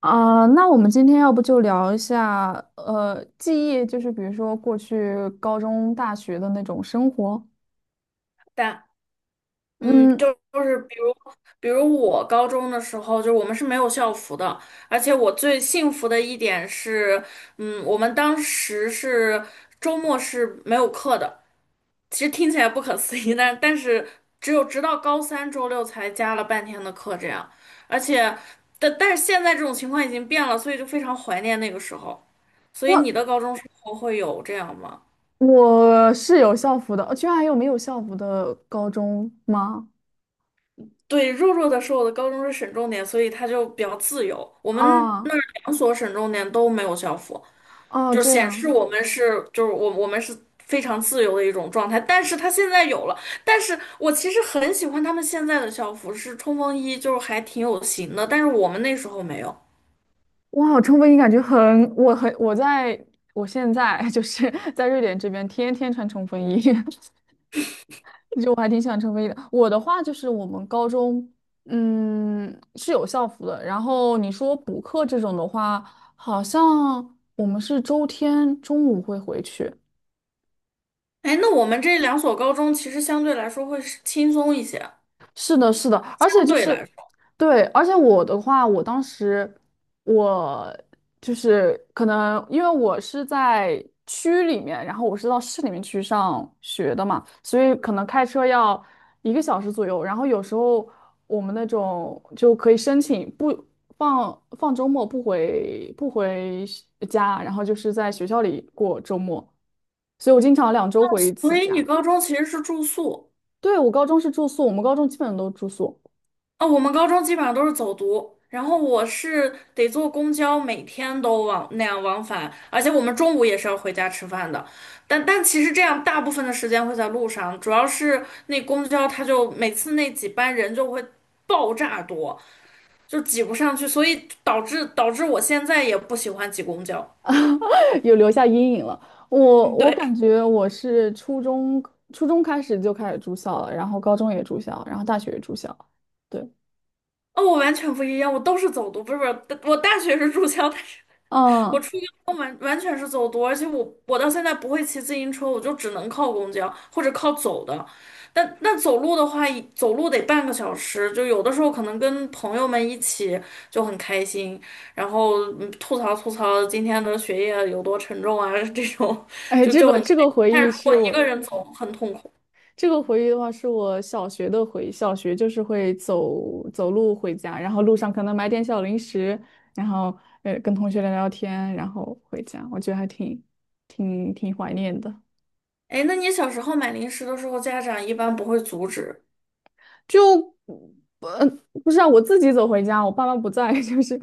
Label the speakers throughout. Speaker 1: 啊，那我们今天要不就聊一下，记忆，就是比如说过去高中、大学的那种生活。
Speaker 2: 但嗯，
Speaker 1: 嗯，
Speaker 2: 就就是比如我高中的时候，就是我们是没有校服的，而且我最幸福的一点是，我们当时是周末是没有课的。其实听起来不可思议，但是只有直到高三周六才加了半天的课这样，而且但但是现在这种情况已经变了，所以就非常怀念那个时候。所以你
Speaker 1: 我
Speaker 2: 的高中生活会有这样吗？
Speaker 1: 我是有校服的，居然还有没有校服的高中吗？
Speaker 2: 对，弱弱的说，我的高中是省重点，所以他就比较自由。我们那
Speaker 1: 啊，
Speaker 2: 儿两所省重点都没有校服，
Speaker 1: 啊，
Speaker 2: 就
Speaker 1: 这
Speaker 2: 显
Speaker 1: 样，
Speaker 2: 示我们是就是我们是非常自由的一种状态。但是他现在有了，但是我其实很喜欢他们现在的校服，是冲锋衣，就是还挺有型的。但是我们那时候没有。
Speaker 1: 哇，冲锋衣感觉很，我很，我在我现在 就是在瑞典这边，天天穿冲锋衣。就我还挺想成为的。我的话就是我们高中，嗯，是有校服的。然后你说补课这种的话，好像我们是周天中午会回去，
Speaker 2: 哎，那我们这两所高中其实相对来说会是轻松一些，
Speaker 1: 是的，是的，而且
Speaker 2: 相
Speaker 1: 就
Speaker 2: 对来
Speaker 1: 是，
Speaker 2: 说，
Speaker 1: 对，而且我的话，我当时我就是可能因为我是在区里面，然后我是到市里面去上学的嘛，所以可能开车要一个小时左右。然后有时候我们那种就可以申请不放周末不回家，然后就是在学校里过周末，所以我经常2周回一
Speaker 2: 所
Speaker 1: 次
Speaker 2: 以你
Speaker 1: 家。
Speaker 2: 高中其实是住宿。
Speaker 1: 对，我高中是住宿，我们高中基本都住宿。
Speaker 2: 哦，我们高中基本上都是走读，然后我是得坐公交，每天都往那样往返，而且我们中午也是要回家吃饭的。但其实这样大部分的时间会在路上，主要是那公交它就每次那几班人就会爆炸多，就挤不上去，所以导致我现在也不喜欢挤公交。
Speaker 1: 有留下阴影了。我
Speaker 2: 嗯，
Speaker 1: 我
Speaker 2: 对，
Speaker 1: 感觉我是初中开始就开始住校了，然后高中也住校，然后大学也住校。对，
Speaker 2: 哦，我完全不一样，我都是走读，不是不是，我大学是住校，但是我
Speaker 1: 嗯，
Speaker 2: 完全是走读，而且我到现在不会骑自行车，我就只能靠公交或者靠走的。但那走路的话，走路得半个小时，就有的时候可能跟朋友们一起就很开心，然后吐槽吐槽今天的学业有多沉重啊，这种
Speaker 1: 哎，
Speaker 2: 就
Speaker 1: 这
Speaker 2: 就
Speaker 1: 个
Speaker 2: 很开
Speaker 1: 这个
Speaker 2: 心。
Speaker 1: 回
Speaker 2: 但是
Speaker 1: 忆
Speaker 2: 如果
Speaker 1: 是
Speaker 2: 一个
Speaker 1: 我
Speaker 2: 人走，很痛苦。
Speaker 1: 这个回忆的话是我小学的回忆。小学就是会走路回家，然后路上可能买点小零食，然后跟同学聊聊天，然后回家。我觉得还挺怀念的。
Speaker 2: 哎，那你小时候买零食的时候，家长一般不会阻止？
Speaker 1: 就呃不是啊，我自己走回家，我爸妈不在，就是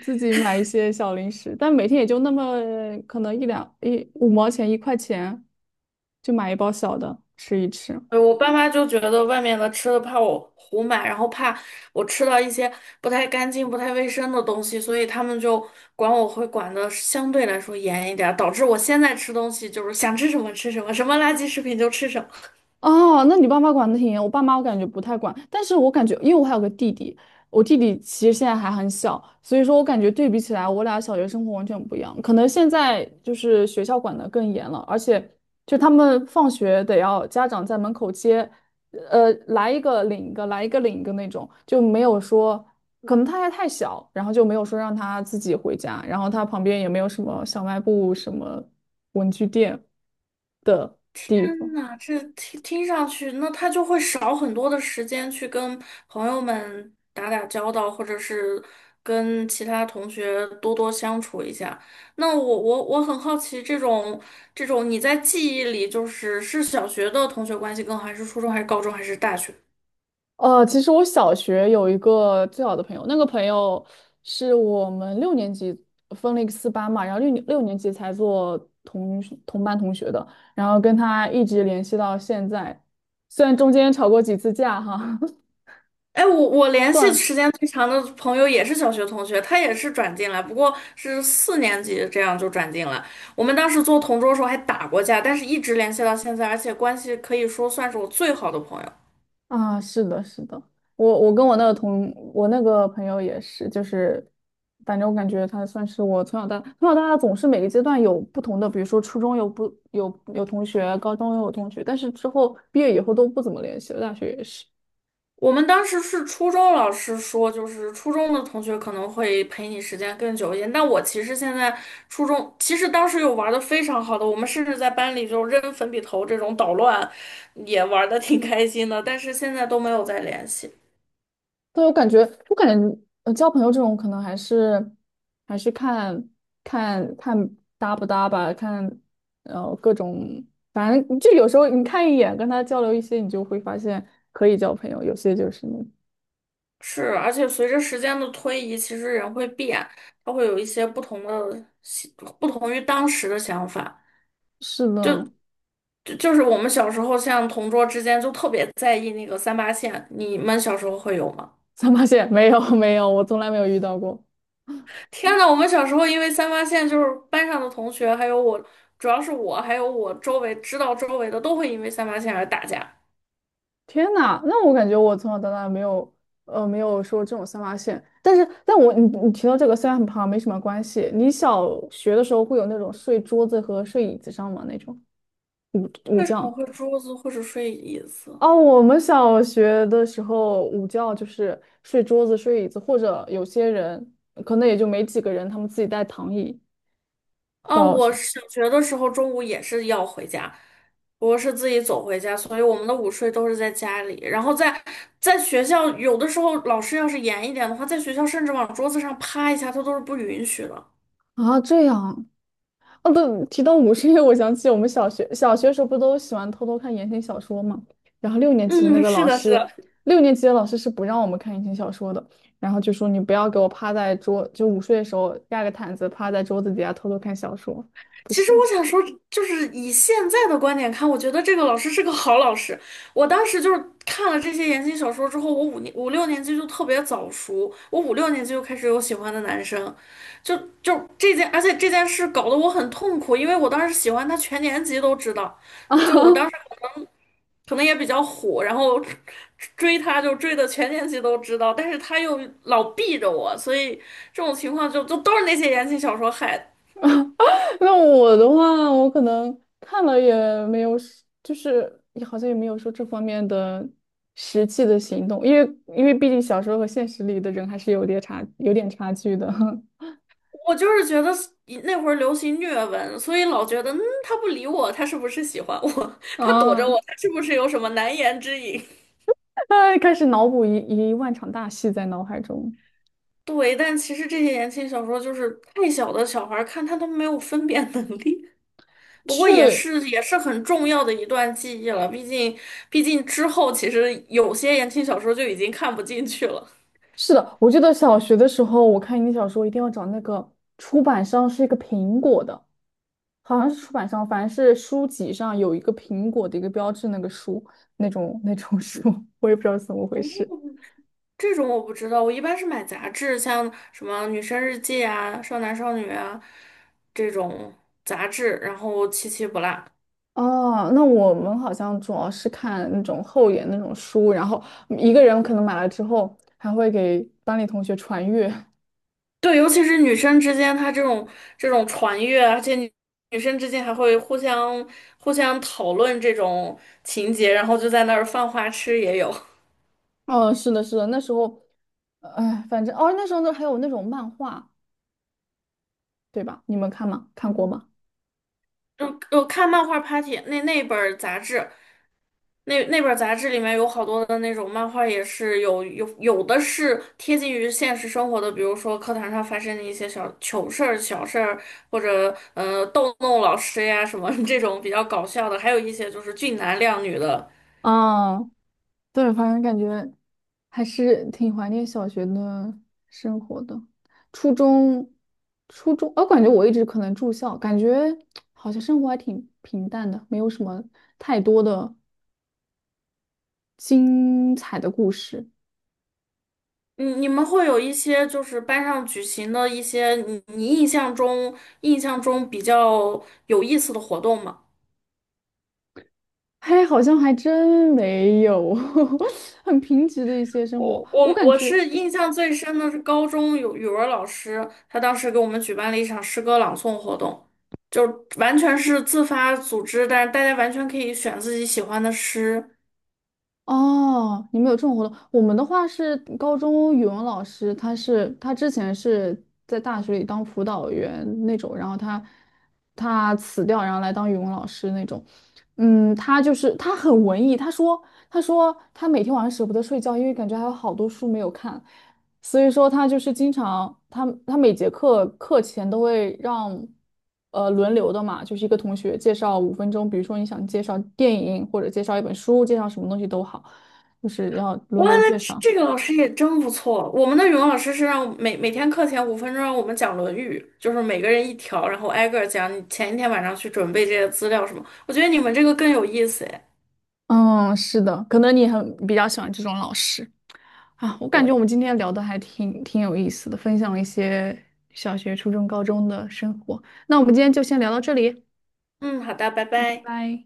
Speaker 1: 自己买一些小零食，但每天也就那么可能一两一五毛钱一块钱，就买一包小的吃一吃。
Speaker 2: 对我爸妈就觉得外面的吃的怕我胡买，然后怕我吃到一些不太干净、不太卫生的东西，所以他们就管我会管的相对来说严一点儿，导致我现在吃东西就是想吃什么吃什么，什么垃圾食品就吃什么。
Speaker 1: 哦，那你爸妈管的挺严，我爸妈我感觉不太管，但是我感觉，因为我还有个弟弟，我弟弟其实现在还很小，所以说我感觉对比起来，我俩小学生活完全不一样。可能现在就是学校管的更严了，而且就他们放学得要家长在门口接，来一个领一个，来一个领一个那种，就没有说，可能他还太小，然后就没有说让他自己回家，然后他旁边也没有什么小卖部、什么文具店的地
Speaker 2: 天
Speaker 1: 方。
Speaker 2: 呐，这听上去，那他就会少很多的时间去跟朋友们打打交道，或者是跟其他同学多多相处一下。那我很好奇，这种你在记忆里，就是小学的同学关系更好，还是初中，还是高中，还是大学？
Speaker 1: 其实我小学有一个最好的朋友，那个朋友是我们六年级分了一个4班嘛，然后六年级才做同班同学的，然后跟他一直联系到现在，虽然中间吵过几次架哈，
Speaker 2: 哎，我联系
Speaker 1: 断
Speaker 2: 时间最长的朋友也是小学同学，他也是转进来，不过是四年级这样就转进来。我们当时做同桌的时候还打过架，但是一直联系到现在，而且关系可以说算是我最好的朋友。
Speaker 1: 啊，是的，是的，我跟我那个朋友也是，就是反正我感觉他算是我从小到大总是每个阶段有不同的，比如说初中有不有有同学，高中也有同学，但是之后毕业以后都不怎么联系了，大学也是。
Speaker 2: 我们当时是初中老师说，就是初中的同学可能会陪你时间更久一点，但我其实现在初中其实当时有玩的非常好的，我们甚至在班里就扔粉笔头这种捣乱，也玩的挺开心的，但是现在都没有再联系。
Speaker 1: 对，我感觉交朋友这种可能还是看搭不搭吧，看各种，反正就有时候你看一眼跟他交流一些，你就会发现可以交朋友，有些就是。
Speaker 2: 是，而且随着时间的推移，其实人会变，他会有一些不同的不同于当时的想法。
Speaker 1: 是的，
Speaker 2: 就是我们小时候，像同桌之间就特别在意那个三八线，你们小时候会有吗？
Speaker 1: 三八线 没有没有，我从来没有遇到过。
Speaker 2: 天呐，我们小时候因为三八线，就是班上的同学，还有我，主要是我，还有我周围知道周围的都会因为三八线而打架，
Speaker 1: 天呐，那我感觉我从小到大没有说这种三八线，但是你提到这个虽然很胖没什么关系，你小学的时候会有那种睡桌子和睡椅子上吗？那种午午
Speaker 2: 我
Speaker 1: 觉？
Speaker 2: 会桌子或者睡椅子。
Speaker 1: 哦，我们小学的时候午觉就是睡桌子、睡椅子，或者有些人可能也就没几个人，他们自己带躺椅
Speaker 2: 哦，
Speaker 1: 到
Speaker 2: 我
Speaker 1: 学
Speaker 2: 小学的时候中午也是要回家，我是自己走回家，所以我们的午睡都是在家里。然后在学校，有的时候老师要是严一点的话，在学校甚至往桌子上趴一下，他都是不允许的。
Speaker 1: 啊，这样哦，对，提到午睡，因为我想起我们小学时候不都喜欢偷偷看言情小说嘛？然后
Speaker 2: 嗯，是的，是的，
Speaker 1: 六年级的老师是不让我们看言情小说的，然后就说你不要给我趴在桌，就午睡的时候盖个毯子趴在桌子底下偷偷看小说，不
Speaker 2: 其实
Speaker 1: 行。
Speaker 2: 我想说，就是以现在的观点看，我觉得这个老师是个好老师。我当时就是看了这些言情小说之后，我五六年级就特别早熟，我五六年级就开始有喜欢的男生，就就这件，而且这件事搞得我很痛苦，因为我当时喜欢他，全年级都知道。
Speaker 1: 啊，
Speaker 2: 就我当时可能也比较虎，然后追他就追的全年级都知道，但是他又老避着我，所以这种情况就都是那些言情小说害的。
Speaker 1: 那我的话，我可能看了也没有也好像也没有说这方面的实际的行动，因为毕竟小说和现实里的人还是有点差距的。
Speaker 2: 我就是觉得那会儿流行虐文，所以老觉得，嗯，他不理我，他是不是喜欢我？他躲着我，
Speaker 1: 啊，
Speaker 2: 他是不是有什么难言之隐？
Speaker 1: 他开始脑补一万场大戏在脑海中。
Speaker 2: 对，但其实这些言情小说就是太小的小孩儿看，他都没有分辨能力。不过也
Speaker 1: 去，
Speaker 2: 是也是很重要的一段记忆了，毕竟之后其实有些言情小说就已经看不进去了。
Speaker 1: 是的，我记得小学的时候，我看英语小说一定要找那个出版商是一个苹果的，好像是出版商，反正是书籍上有一个苹果的一个标志，那个书那种书，我也不知道是怎么回事。
Speaker 2: 这种我不知道，我一般是买杂志，像什么《女生日记》啊、《少男少女》啊这种杂志，然后七七不落。
Speaker 1: 哦，那我们好像主要是看那种厚一点那种书，然后一个人可能买了之后还会给班里同学传阅，
Speaker 2: 对，尤其是女生之间，她这种传阅啊，而且女生之间还会互相讨论这种情节，然后就在那儿犯花痴也有。
Speaker 1: 哦，是的，是的，那时候，哎，反正哦，那时候那还有那种漫画，对吧？你们看过
Speaker 2: 嗯
Speaker 1: 吗？
Speaker 2: 嗯，我看漫画 Party 那本儿杂志，那本儿杂志里面有好多的那种漫画，也是有的是贴近于现实生活的，比如说课堂上发生的一些小糗事儿、小事儿，或者逗弄老师呀什么 这种比较搞笑的，还有一些就是俊男靓女的。
Speaker 1: 啊，对，反正感觉还是挺怀念小学的生活的。初中，初中，我感觉我一直可能住校，感觉好像生活还挺平淡的，没有什么太多的精彩的故事。
Speaker 2: 你们会有一些就是班上举行的一些你印象中比较有意思的活动吗？
Speaker 1: 嘿，好像还真没有，很贫瘠的一些生活，
Speaker 2: 我
Speaker 1: 我
Speaker 2: 我
Speaker 1: 感
Speaker 2: 我
Speaker 1: 觉。
Speaker 2: 是印象最深的是高中有语文老师，他当时给我们举办了一场诗歌朗诵活动，就完全是自发组织，但是大家完全可以选自己喜欢的诗。
Speaker 1: 哦，你们有这种活动？我们的话是高中语文老师，他之前是在大学里当辅导员那种，然后他辞掉，然后来当语文老师那种。嗯，他就是他很文艺，他说他每天晚上舍不得睡觉，因为感觉还有好多书没有看。所以说他就是经常，他每节课前都会让，轮流的嘛，就是一个同学介绍5分钟，比如说你想介绍电影或者介绍一本书，介绍什么东西都好，就是要轮
Speaker 2: 哇，
Speaker 1: 流
Speaker 2: 那
Speaker 1: 介绍。
Speaker 2: 这这个老师也真不错。我们的语文老师是让我每天课前5分钟让我们讲《论语》，就是每个人一条，然后挨个儿讲你前一天晚上去准备这些资料什么。我觉得你们这个更有意思哎。
Speaker 1: 嗯，是的，可能比较喜欢这种老师啊。我感觉我
Speaker 2: 对，
Speaker 1: 们今天聊的还挺有意思的，分享了一些小学、初中、高中的生活。那我们今天就先聊到这里，
Speaker 2: 嗯，好的，拜
Speaker 1: 拜
Speaker 2: 拜。
Speaker 1: 拜。